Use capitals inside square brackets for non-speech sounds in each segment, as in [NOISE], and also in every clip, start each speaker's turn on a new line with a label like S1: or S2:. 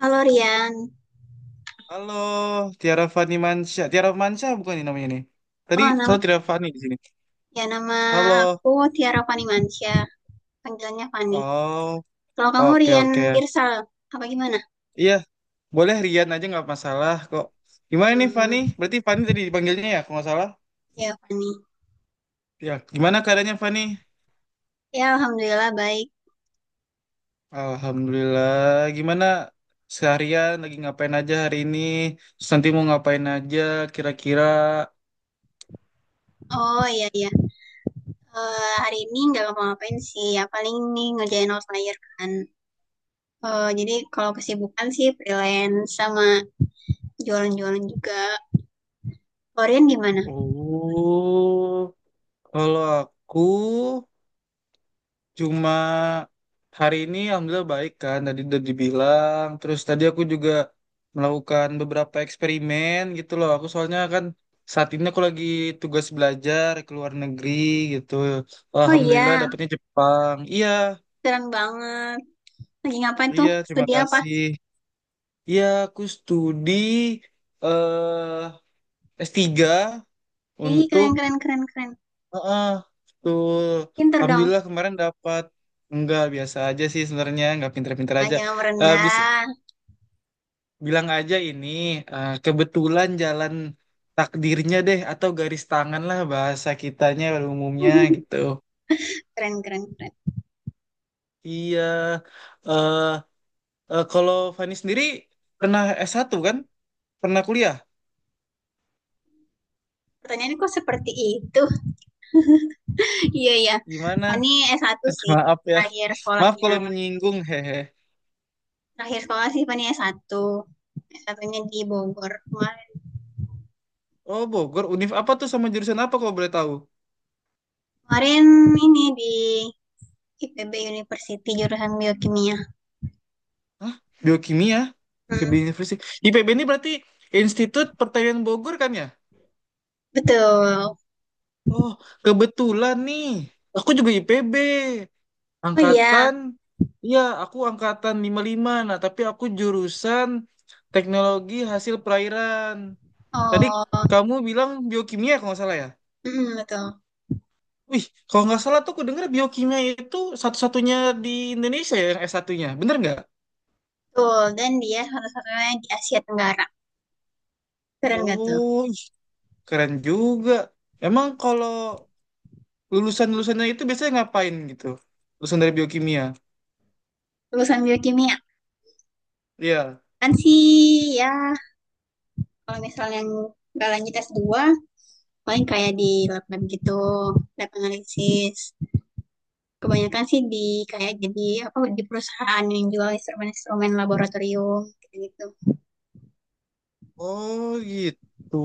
S1: Halo Rian.
S2: Halo, Tiara Fani Mansyah. Tiara Mansyah bukan ini namanya nih. Tadi
S1: Oh, nam
S2: soal Tiara Fani di sini.
S1: nama
S2: Halo.
S1: aku Tiara Fani Mansyah. Panggilannya Fani.
S2: Oh,
S1: Kalau kamu
S2: oke
S1: Rian
S2: oke.
S1: Irsal, apa gimana?
S2: Iya, boleh Rian aja nggak masalah kok. Gimana nih Fani?
S1: Hmm,
S2: Berarti Fani tadi dipanggilnya ya, kalau nggak salah.
S1: Ya Fani.
S2: Ya, gimana keadaannya Fani?
S1: Ya Alhamdulillah baik.
S2: Alhamdulillah. Gimana seharian lagi ngapain aja hari ini? Terus nanti mau ngapain aja kira-kira?
S1: Oh, iya, iya. Hari ini nggak ngapa-ngapain sih. Ya paling nih ngerjain outlier kan. Jadi kalau kesibukan sih freelance sama jualan-jualan juga. Kalau Rian gimana?
S2: Oh, kalau aku cuma hari ini alhamdulillah baik kan tadi udah dibilang. Terus tadi aku juga melakukan beberapa eksperimen gitu loh. Aku soalnya kan saat ini aku lagi tugas belajar ke luar negeri gitu.
S1: Oh
S2: Alhamdulillah
S1: iya,
S2: dapetnya Jepang. Iya,
S1: keren banget. Lagi ngapain tuh?
S2: iya terima
S1: Studi apa?
S2: kasih. Iya, aku studi eh S3
S1: Ih,
S2: untuk.
S1: keren keren keren keren.
S2: Heeh, betul.
S1: Pinter dong.
S2: Alhamdulillah kemarin dapat. Enggak, biasa aja sih sebenarnya, enggak pinter-pinter
S1: Ah,
S2: aja.
S1: jangan
S2: Eh, bis-
S1: merendah.
S2: Bilang aja ini kebetulan jalan takdirnya deh atau garis tangan lah bahasa kitanya pada umumnya gitu.
S1: [LAUGHS] Keren, keren, keren.
S2: Iya, eh kalau Fani sendiri pernah S1 kan? Pernah kuliah?
S1: Pertanyaannya kok seperti itu? [LAUGHS] Iya, iya.
S2: Gimana?
S1: Fani s satu
S2: [LAUGHS]
S1: sih,
S2: Maaf ya,
S1: terakhir
S2: maaf kalau
S1: sekolahnya.
S2: menyinggung hehe.
S1: Terakhir sekolah sih Fani s satu s S1-nya di Bogor. Kemarin,
S2: Oh Bogor, Univ apa tuh sama jurusan apa kalau boleh tahu?
S1: kemarin ini di IPB University, jurusan biokimia.
S2: Hah? Biokimia? IPB
S1: Hmm,
S2: University. IPB ini berarti Institut Pertanian Bogor kan ya?
S1: Betul.
S2: Oh, kebetulan nih. Aku juga IPB.
S1: Oh iya.
S2: Angkatan, iya aku angkatan 55. Nah, tapi aku jurusan teknologi hasil perairan. Tadi
S1: Oh,
S2: kamu bilang biokimia kalau nggak salah ya?
S1: betul.
S2: Wih, kalau nggak salah tuh aku dengar biokimia itu satu-satunya di Indonesia ya, yang S1-nya. Bener nggak?
S1: Betul, dan dia satu-satunya di Asia Tenggara. Keren gak tuh?
S2: Oh, ih, keren juga. Emang kalau lulusan-lulusannya itu biasanya ngapain gitu? Lulusan dari biokimia.
S1: Lulusan biokimia.
S2: Iya.
S1: Kan sih, ya, kalau misalnya nggak lanjut S2, paling kayak di lab lab gitu, lab analisis. Kebanyakan sih di kayak jadi apa di perusahaan yang jual instrumen-instrumen laboratorium gitu.
S2: Oh gitu,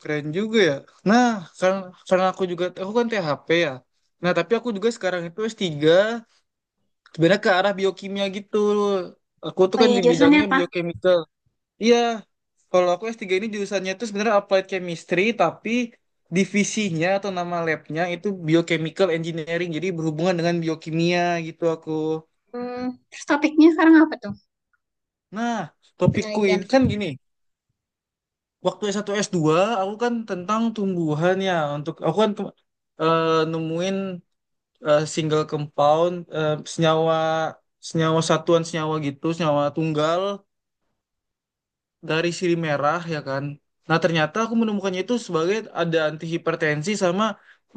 S2: keren juga ya. Nah, karena, karena aku juga, aku kan THP ya. Nah, tapi aku juga sekarang itu S3, sebenarnya ke arah biokimia gitu. Aku tuh
S1: Oh
S2: kan
S1: iya,
S2: di
S1: jurusannya
S2: bidangnya
S1: apa?
S2: biochemical. Iya, kalau aku S3 ini jurusannya itu sebenarnya applied chemistry, tapi divisinya atau nama labnya itu biochemical engineering, jadi berhubungan dengan biokimia gitu aku.
S1: Hmm, Terus topiknya sekarang apa tuh?
S2: Nah, topikku
S1: Penelitian.
S2: ini kan gini, waktu S1 S2, aku kan tentang tumbuhan ya untuk aku kan eh, nemuin single compound senyawa senyawa satuan senyawa gitu senyawa tunggal dari sirih merah ya kan. Nah ternyata aku menemukannya itu sebagai ada antihipertensi sama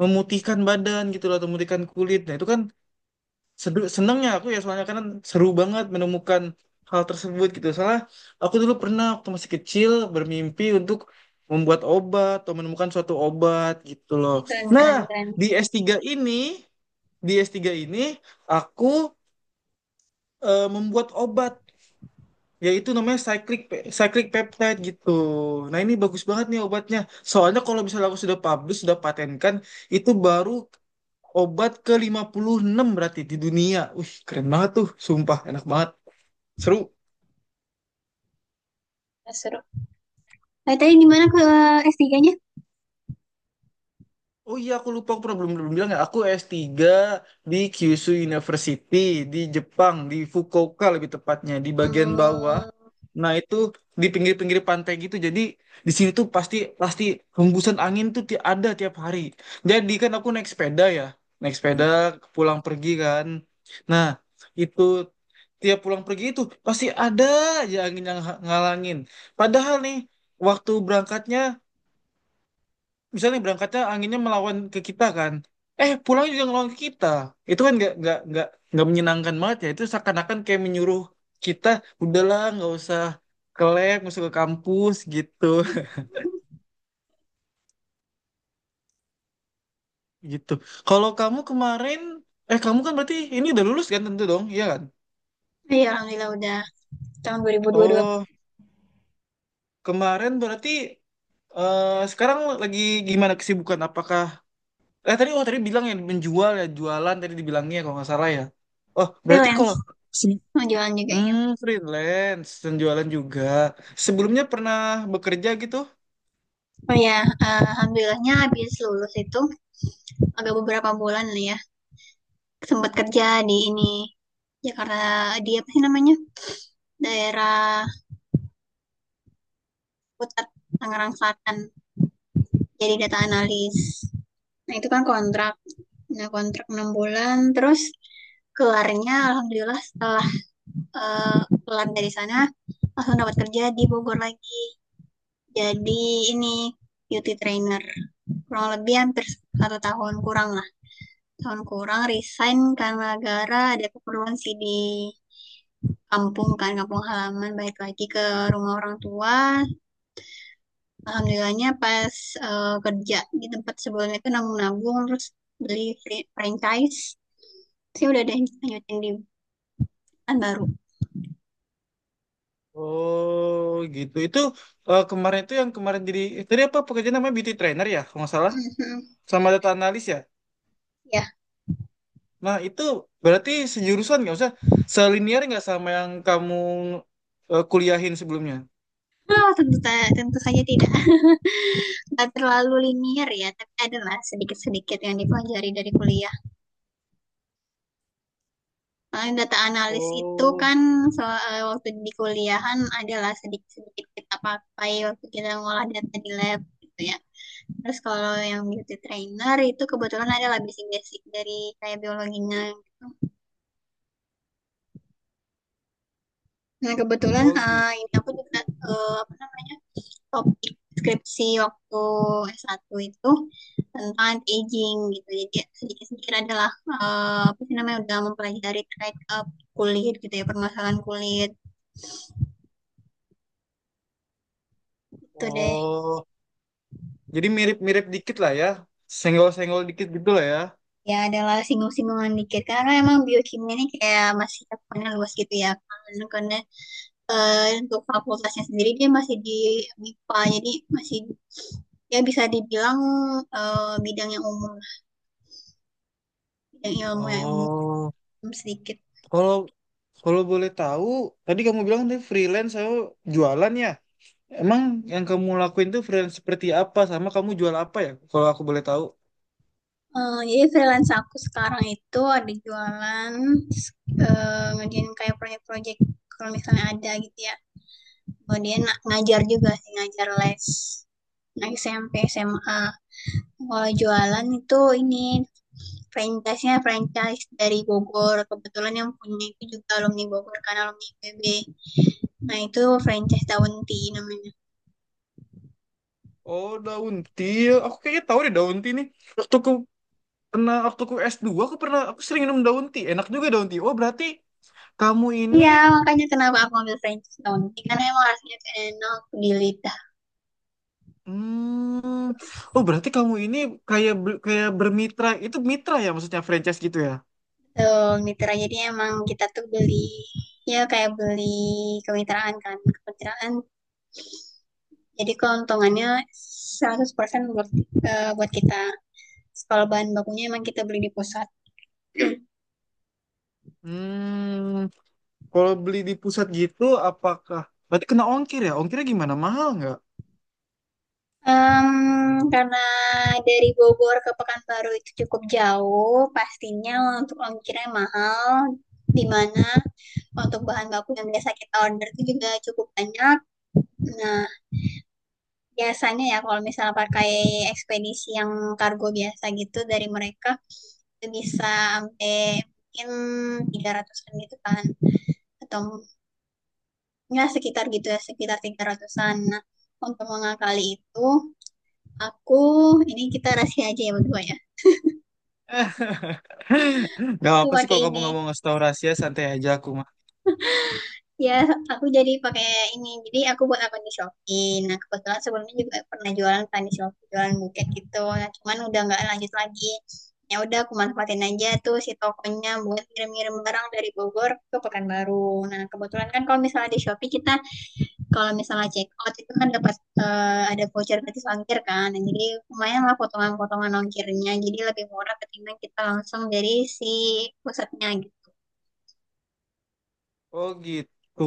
S2: memutihkan badan gitu loh, atau memutihkan kulit. Nah itu kan senengnya aku ya, soalnya kan seru banget menemukan hal tersebut gitu. Soalnya aku dulu pernah waktu masih kecil bermimpi untuk membuat obat atau menemukan suatu obat gitu loh.
S1: Ih, keren,
S2: Nah,
S1: keren, keren.
S2: di s tiga ini, di s tiga ini aku membuat obat yaitu namanya cyclic peptide gitu. Nah, ini bagus banget nih obatnya. Soalnya kalau misalnya aku sudah publish, sudah patenkan, itu baru obat ke-56 berarti di dunia. Wih, keren banget tuh. Sumpah, enak banget. Seru.
S1: Nah, seru. Nah, tadi gimana ke S3-nya?
S2: Oh iya, aku lupa. Aku pernah belum bilang ya. Aku s tiga di Kyushu University di Jepang, di Fukuoka lebih tepatnya, di bagian bawah.
S1: Hmm,
S2: Nah, itu di pinggir-pinggir pantai gitu. Jadi, di sini tuh pasti pasti hembusan angin tuh ada tiap hari. Jadi, kan aku naik sepeda ya. Naik sepeda pulang pergi kan. Nah, itu tiap pulang pergi itu pasti ada aja angin yang ngalangin. Padahal nih waktu berangkatnya, misalnya nih berangkatnya anginnya melawan ke kita kan, pulang juga ngelawan ke kita. Itu kan nggak menyenangkan banget ya. Itu seakan-akan kayak menyuruh kita udahlah nggak usah ke lab, nggak usah ke kampus gitu [LAUGHS] gitu. Kalau kamu kemarin, kamu kan berarti ini udah lulus kan tentu dong, iya kan?
S1: iya, alhamdulillah udah tahun 2022.
S2: Oh kemarin berarti sekarang lagi gimana kesibukan? Apakah tadi oh tadi bilang ya menjual ya jualan tadi dibilangnya kalau nggak salah ya. Oh berarti
S1: Freelance
S2: kalau
S1: mau jualan juga ya.
S2: freelance dan jualan juga. Sebelumnya pernah bekerja gitu?
S1: Oh ya, alhamdulillahnya habis lulus itu agak beberapa bulan lah ya, sempat kerja di ini Jakarta di apa sih namanya, daerah Putat Tangerang Selatan, jadi data analis. Nah itu kan kontrak, nah kontrak 6 bulan. Terus keluarnya alhamdulillah setelah keluar dari sana langsung dapat kerja di Bogor lagi, jadi ini beauty trainer kurang lebih hampir satu tahun kurang, tahun kurang resign karena gara ada keperluan sih di kampung kan, kampung halaman, balik lagi ke rumah orang tua. Alhamdulillahnya pas kerja di tempat sebelumnya itu nabung-nabung, terus beli franchise sih, udah deh lanjutin di perusahaan baru.
S2: Oh gitu. Itu kemarin itu yang kemarin jadi tadi apa pekerjaan namanya beauty trainer ya kalau nggak salah,
S1: [LAUGHS]
S2: sama data analis ya.
S1: Ya.
S2: Nah itu berarti sejurusan nggak usah selinier nggak sama yang kamu kuliahin sebelumnya?
S1: Oh, tentu tentu saja tidak, nggak terlalu linier ya, tapi adalah sedikit-sedikit yang dipelajari dari kuliah. Eh, data analis itu
S2: Oh,
S1: kan so, waktu di kuliahan adalah sedikit-sedikit kita pakai, waktu kita ngolah data di lab gitu ya. Terus kalau yang beauty trainer itu kebetulan adalah basic-basic dari kayak biologinya gitu. Nah kebetulan
S2: oh gitu.
S1: ini aku juga eh, apa namanya topik skripsi waktu S1 itu tentang anti-aging gitu. Jadi sedikit-sedikit adalah eh, apa sih namanya udah mempelajari terkait kulit gitu ya, permasalahan kulit itu deh.
S2: Oh, jadi mirip-mirip dikit lah ya. Senggol-senggol dikit gitu lah ya.
S1: Ya adalah singgung-singgungan dikit karena emang biokimia ini kayak masih cakupannya luas gitu ya, karena untuk fakultasnya sendiri dia masih di MIPA, jadi masih ya bisa dibilang bidang yang umum, bidang ilmu yang umum
S2: Oh,
S1: sedikit.
S2: kalau kalau boleh tahu, tadi kamu bilang tadi freelance saya jualan ya. Emang yang kamu lakuin tuh freelance seperti apa sama kamu jual apa ya? Kalau aku boleh tahu.
S1: Jadi freelance aku sekarang itu ada jualan, ngerjain kayak proyek-proyek kalau misalnya ada gitu ya. Kemudian ngajar juga sih, ngajar les. Nah, SMP, SMA. Kalau jualan itu ini franchise-nya franchise dari Bogor. Kebetulan yang punya itu juga alumni Bogor kan, alumni IPB. Nah, itu franchise Daun Tea namanya.
S2: Oh, daun tea. Aku kayaknya tahu deh daun tea nih. Waktu aku pernah waktu aku S2 aku pernah aku sering minum daun tea. Enak juga daun tea. Oh, berarti kamu ini,
S1: Iya, makanya kenapa aku ambil franchise Daun Tea. Karena emang rasanya enak di lidah.
S2: hmm, oh berarti kamu ini kayak bermitra. Itu mitra ya maksudnya franchise gitu ya?
S1: Tuh, mitra. Jadi emang kita tuh beli, ya kayak beli kemitraan kan. Kemitraan. Jadi keuntungannya 100% buat, buat kita. Kalau bahan bakunya emang kita beli di pusat.
S2: Hmm, Kalau beli di pusat gitu, apakah berarti kena ongkir ya? Ongkirnya gimana? Mahal nggak?
S1: Em, karena dari Bogor ke Pekanbaru itu cukup jauh, pastinya untuk ongkirnya mahal, di mana untuk bahan baku yang biasa kita order itu juga cukup banyak. Nah, biasanya ya kalau misalnya pakai ekspedisi yang kargo biasa gitu dari mereka, itu bisa sampai mungkin 300-an gitu kan. Atau ya sekitar gitu ya, sekitar 300-an. Nah, untuk mengakali itu, aku, ini kita rahasia aja ya berdua ya.
S2: [LAUGHS] Gak
S1: Aku
S2: apa sih
S1: pakai
S2: kalau kamu
S1: ini,
S2: nggak mau ngasih tahu rahasia, santai aja aku mah.
S1: ya, aku jadi pakai ini, jadi aku buat akun di Shopee. Nah kebetulan sebelumnya juga pernah jualan kan di Shopee, jualan buket gitu, nah, cuman udah nggak lanjut lagi, ya udah aku manfaatin aja tuh si tokonya buat ngirim-ngirim barang dari Bogor ke Pekanbaru. Nah kebetulan kan kalau misalnya di Shopee kita kalau misalnya check out itu kan dapat, ada voucher gratis ongkir kan. Nah, jadi lumayan lah potongan-potongan ongkirnya, jadi lebih murah ketimbang kita langsung dari si pusatnya gitu.
S2: Oh gitu.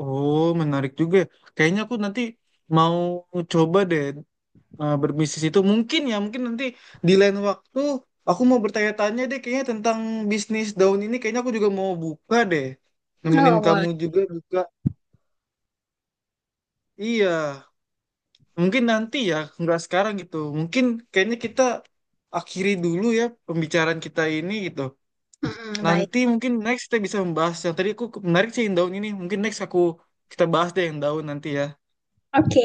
S2: Oh, menarik juga, ya. Kayaknya aku nanti mau coba deh berbisnis itu. Mungkin ya, mungkin nanti di lain waktu aku mau bertanya-tanya deh kayaknya tentang bisnis daun ini. Kayaknya aku juga mau buka deh. Nemenin
S1: Oh
S2: kamu
S1: boleh.
S2: juga buka. Iya. Mungkin nanti ya, nggak sekarang gitu. Mungkin kayaknya kita akhiri dulu ya pembicaraan kita ini gitu.
S1: Mm-mm, baik.
S2: Nanti mungkin next kita bisa membahas yang tadi aku menarik sih yang daun ini. Mungkin next kita bahas deh yang daun nanti ya.
S1: Oke,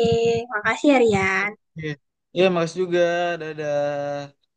S1: makasih ya Ria.
S2: Iya, iya, makasih juga. Dadah.